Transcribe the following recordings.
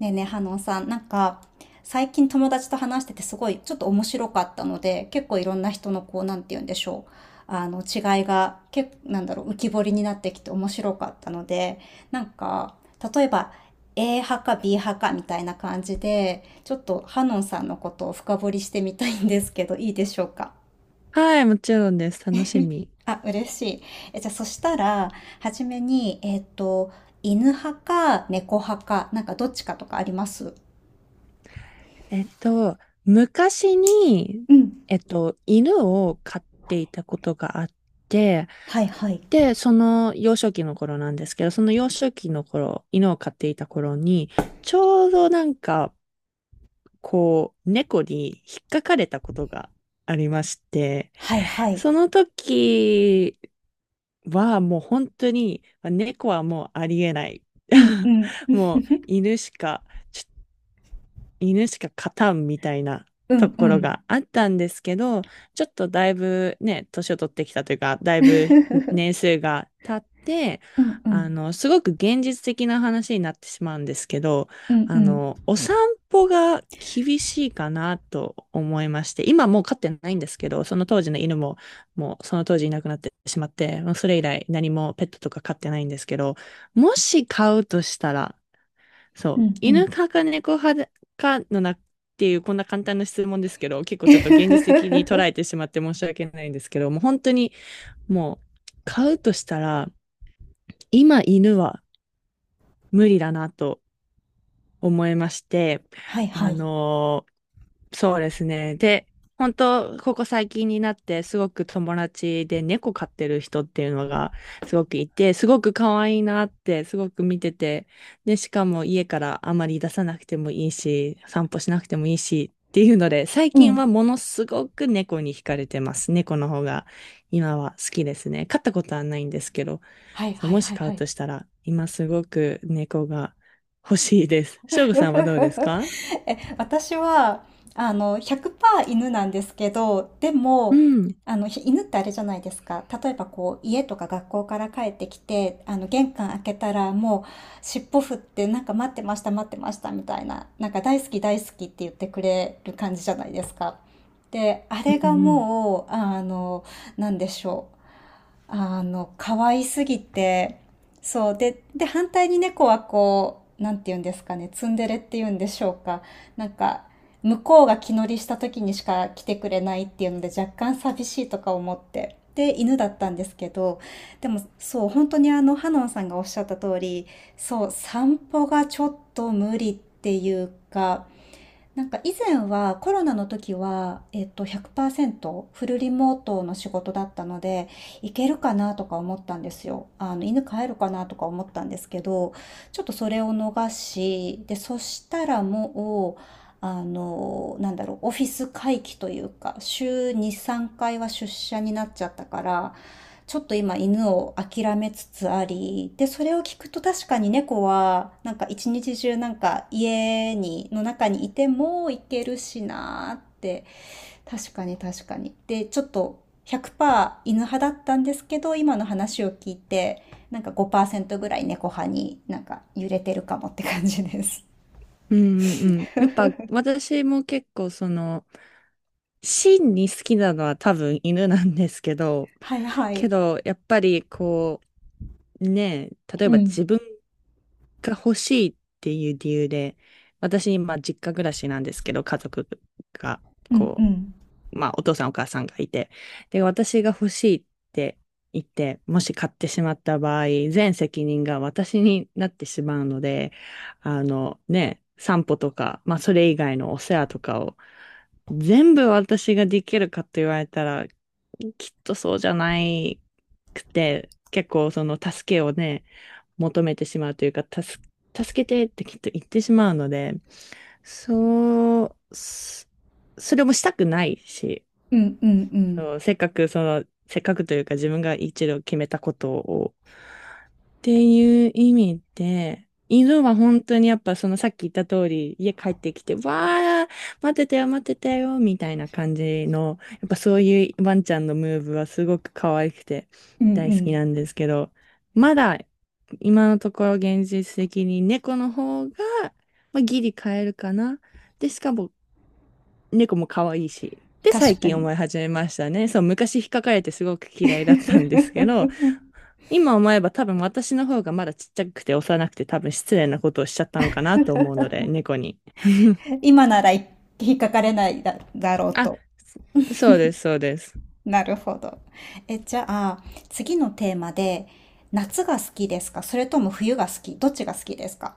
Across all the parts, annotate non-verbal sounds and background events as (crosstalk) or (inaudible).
ねえねえ、ハノンさん、最近友達と話しててすごいちょっと面白かったので、結構いろんな人のこう、なんて言うんでしょう。違いが、結構、浮き彫りになってきて面白かったので、なんか、例えば、A 派か B 派かみたいな感じで、ちょっとハノンさんのことを深掘りしてみたいんですけど、いいでしょうか。はい、もちろんです。楽しみ。あ、嬉しい。じゃあ、そしたら、はじめに、犬派か猫派か、なんかどっちかとかありますえっと、昔に、うん。犬を飼っていたことがあって、はいはい。で、その幼少期の頃なんですけど、その幼少期の頃、犬を飼っていた頃に、ちょうど猫に引っかかれたことがありまして、はいはい。その時はもう本当に、猫はもうありえない。うんう (laughs) ん。もう犬しか。犬しか勝たんみたいなうとんうころん。があったんですけど、ちょっとだいぶね、年を取ってきたというか、だいぶ年 (laughs) 数が経って、うんうん。すごく現実的な話になってしまうんですけど、うんうん。お散歩が厳しいかなと思いまして、今もう飼ってないんですけど、その当時の犬も、もうその当時いなくなってしまって、もうそれ以来何もペットとか飼ってないんですけど、もし飼うとしたら、そうう。んう犬ん。派か猫派かのなっていう、こんな簡単な質問ですけど、結構ちょっと現実的に捉えて (laughs) しまって申し訳ないんですけど、もう本当にもう買うとしたら、今犬は無理だなと思いまして、はいはあい。のーそうですね。で、本当ここ最近になってすごく友達で猫飼ってる人っていうのがすごくいて、すごく可愛いなってすごく見てて、で、しかも家からあまり出さなくてもいいし、散歩しなくてもいいしっていうので、最う近はん。ものすごく猫に惹かれてます。猫の方が今は好きですね。飼ったことはないんですけど、はいそうはいもしはい飼はうい。としたら、今すごく猫が欲しいです。しょうごさんはどうですか？ (laughs) え、私は、100%犬なんですけど、でうも、ん。あの、犬ってあれじゃないですか。例えばこう、家とか学校から帰ってきて、玄関開けたらもう、尻尾振って、なんか待ってました、待ってました、みたいな、なんか大好き、大好きって言ってくれる感じじゃないですか。で、あうれんうがん。もう、あの、なんでしょう。あの、可愛すぎて、そう。で、反対に猫はこう、なんて言うんですかね、ツンデレって言うんでしょうか。なんか、向こうが気乗りした時にしか来てくれないっていうので、若干寂しいとか思って。で、犬だったんですけど、でも、そう、本当にハノンさんがおっしゃった通り、そう、散歩がちょっと無理っていうか、なんか以前はコロナの時は、100%フルリモートの仕事だったので、行けるかなとか思ったんですよ。犬飼えるかなとか思ったんですけど、ちょっとそれを逃し、で、そしたらもう、オフィス回帰というか、週2、3回は出社になっちゃったから、ちょっと今犬を諦めつつあり、で、それを聞くと確かに猫は、なんか一日中なんか家の中にいても行けるしなーって、確かに確かに。で、ちょっと100%犬派だったんですけど、今の話を聞いて、なんか5%ぐらい猫派になんか揺れてるかもって感じです。うんうんうん。やっぱ私も結構その、真に好きなのは多分犬なんですけど、(laughs) はいはけい。どやっぱりねえ、例えうばん。自分が欲しいっていう理由で、私今実家暮らしなんですけど、家族が、うんうこん。まあお父さんお母さんがいて、で、私が欲しいって言って、もし買ってしまった場合、全責任が私になってしまうので、あのね、散歩とか、まあそれ以外のお世話とかを全部私ができるかと言われたら、きっとそうじゃないくて、結構その助けをね、求めてしまうというか、助けてってきっと言ってしまうので、そう、それもしたくないし、うんうんうん。そう、せっかくその、せっかくというか自分が一度決めたことをっていう意味で、犬は本当にやっぱそのさっき言った通り、家帰ってきて、わー、待ってたよ、待ってたよ、みたいな感じの、やっぱそういうワンちゃんのムーブはすごく可愛くてうんう大好きん。なんですけど、まだ今のところ現実的に猫の方が、まあ、ギリ飼えるかな。で、しかも猫も可愛いし。で、最確か近に。思い始めましたね。そう、昔引っかかれてすごく嫌いだったんですけど、(laughs) 今思えば多分私の方がまだちっちゃくて幼くて多分失礼なことをしちゃったのかなと思うので、猫に。(laughs) 今なら引っかかれないだろうあ、と。そそうです、そうです。なるほど。え、じゃあ、次のテーマで、夏が好きですか、それとも冬が好きどっちが好きですか。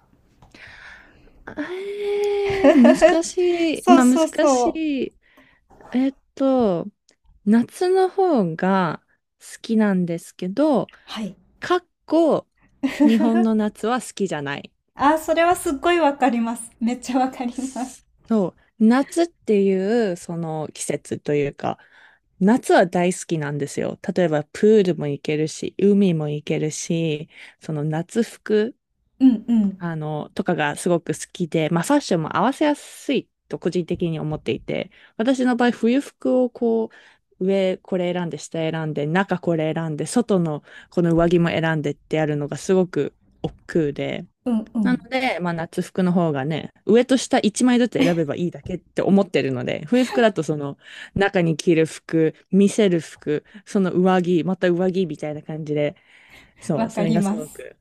あえー、難しい。そうまあそう難しそう。い。えっと、夏の方が好きなんですけど、はい。かっこ日本の夏は好きじゃない。あー、それはすっごいわかります。めっちゃわかります。そう、夏っていうその季節というか、夏は大好きなんですよ。例えばプールも行けるし、海も行けるし、その夏服、うんうん。とかがすごく好きで、まあファッションも合わせやすいと個人的に思っていて、私の場合冬服を上これ選んで、下選んで、中これ選んで、外のこの上着も選んでってやるのがすごく億劫で、うんうなのん。で、まあ、夏服の方がね、上と下1枚ずつ選べばいいだけって思ってるので、冬服だとその中に着る服、見せる服、その上着、また上着みたいな感じで、そわう、そかれりがすまごす。く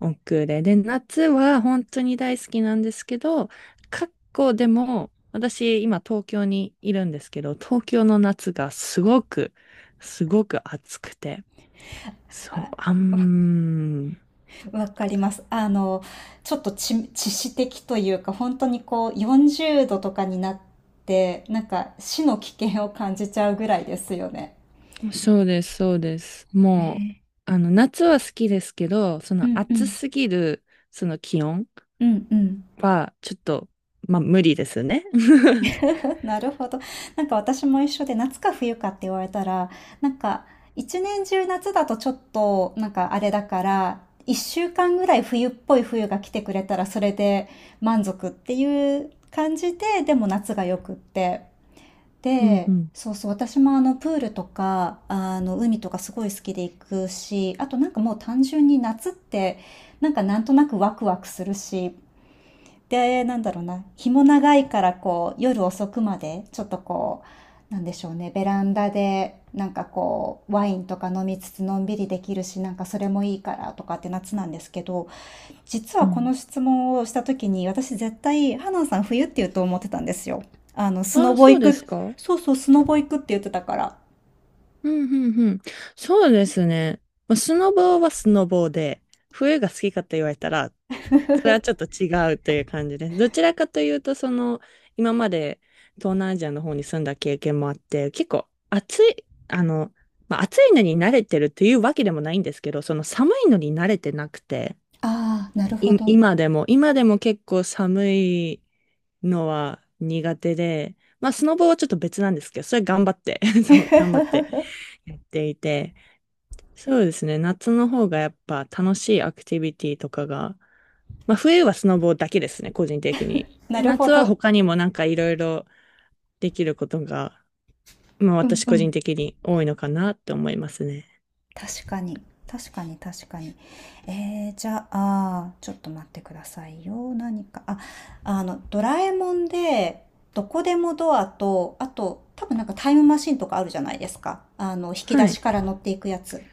億劫で。で、夏は本当に大好きなんですけど、過去でも、私今東京にいるんですけど、東京の夏がすごく、すごく暑くて、そう、あ、あわ、ん、わかります。ちょっと知識的というか、本当にこう、40度とかになって、なんか死の危険を感じちゃうぐらいですよね。そうです、そうです。もね。う、夏は好きですけど、そうのんう暑ん。すぎる、その気温うんうん。は、ちょっと、まあ、無理ですね。(laughs) (laughs) なるほど。なんか私も一緒で、夏か冬かって言われたら、なんか一年中夏だとちょっとなんかあれだから、一週間ぐらい冬っぽい冬が来てくれたらそれで満足っていう感じで、でも夏がよくって。うんうで、んそうそう、私もあのプールとか、あの海とかすごい好きで行くし、あとなんかもう単純に夏ってなんとなくワクワクするし、で、なんだろうな、日も長いからこう、夜遅くまで、ちょっとこう、なんでしょうね、ベランダで、なんかこう、ワインとか飲みつつのんびりできるし、なんかそれもいいからとかって夏なんですけど、実うはこん。の質問をした時に、私絶対、ハナンさん冬って言うと思ってたんですよ。スあノあ、ボそう行ですく、か。そうそう、スノボ行くって言ってたから。あうんうんうん。そうですね。まあスノボはスノボで、冬が好きかと言われたら、それはちょっと違うという感じです。どちらかというと、その、今まで東南アジアの方に住んだ経験もあって、結構暑い、まあ、暑いのに慣れてるというわけでもないんですけど、その寒いのに慣れてなくて、あ、なるほど。今でも、今でも結構寒いのは苦手で、まあ、スノボはちょっと別なんですけど、それ頑張って、(laughs) そう、頑張って (laughs) やっていて、そうですね。夏の方がやっぱ楽しいアクティビティとかが、まあ冬はスノボだけですね、個人的に。なで、るほ夏はど。他にもなんかいろいろできることが、まあうん私う個人ん。的に多いのかなって思いますね。確かに。確かに確かに。えー、じゃあ、ちょっと待ってくださいよ。何か。あ、ドラえもんで、どこでもドアと、あと、多分なんかタイムマシンとかあるじゃないですか。引きは出しい。から乗っていくやつ。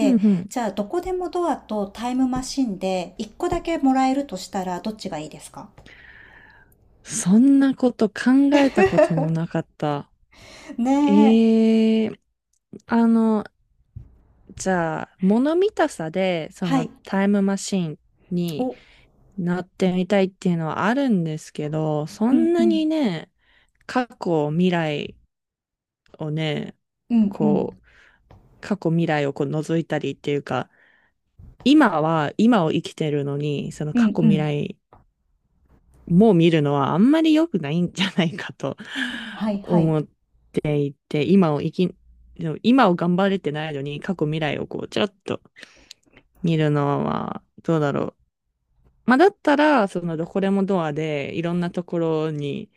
うんうん。じゃあ、どこでもドアとタイムマシンで、一個だけもらえるとしたら、どっちがいいですか。そんなこと考えたこともなかった。ねえ。ええあの、じゃあ、物見たさで、そはのい。タイムマシンお、にうなってみたいっていうのはあるんですけど、そんんうなにん。ね、過去、未来をね、うんうこん。う、過去、未来をこう覗いたりっていうか、今は、今を生きてるのに、そのう過ん去、う未ん。来も見るのはあんまり良くないんじゃないかと は (laughs) いはい。思って、今を生き、今を頑張れてないのに、過去、未来をちょっと見るのは、どうだろう。まあ、だったら、そのどこでもドアで、いろんなところに、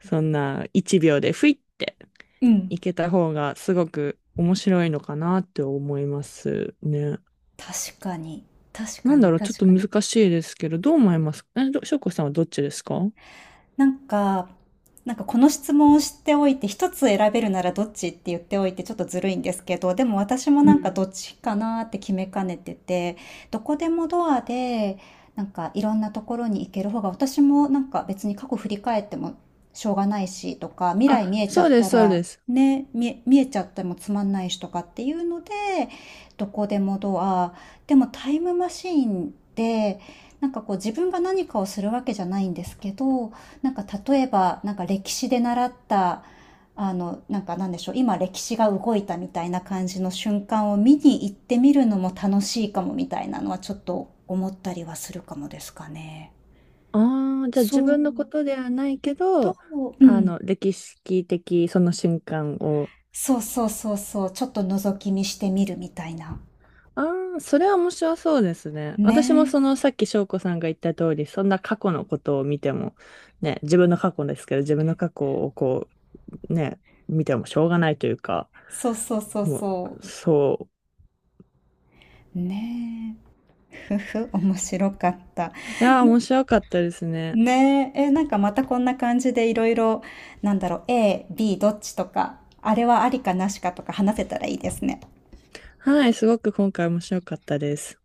そんな1秒で、ふいって、うん。行けた方がすごく面白いのかなって思いますね。確かに。確かなんだに、ろう、ちょっ確とかに。難しいですけど、どう思いますか？しょうこさんはどっちですか？なんか、なんかこの質問をしておいて、一つ選べるならどっちって言っておいてちょっとずるいんですけど、でも私もうなんかん。どっちかなって決めかねてて、どこでもドアで、なんかいろんなところに行ける方が、私もなんか別に過去振り返ってもしょうがないしとか、未来見あ、えちゃそうっでたす、そうら、です。ね、見えちゃってもつまんないしとかっていうので、どこでもドア、でもタイムマシーンで、なんかこう自分が何かをするわけじゃないんですけど、なんか例えば、なんか歴史で習った、あの、なんかなんでしょう、今歴史が動いたみたいな感じの瞬間を見に行ってみるのも楽しいかもみたいなのはちょっと思ったりはするかもですかね。ああ、じゃあ自そう、分のことではないけと、ど、うん。歴史的その瞬間をそうそうそうそう、ちょっと覗き見してみるみたいな。ああ、それは面白そうですね。私もねえ。そのさっき翔子さんが言った通り、そんな過去のことを見ても、ね、自分の過去ですけど、自分の過去をね、見てもしょうがないというか、そうそうそうもそう、そう。ねえ。ふふ、面白かった。う。いやー、面白かったですね。ねえ、え、なんかまたこんな感じでいろいろ、なんだろう、A、B どっちとか、あれはありかなしかとか話せたらいいですね。はい、すごく今回面白かったです。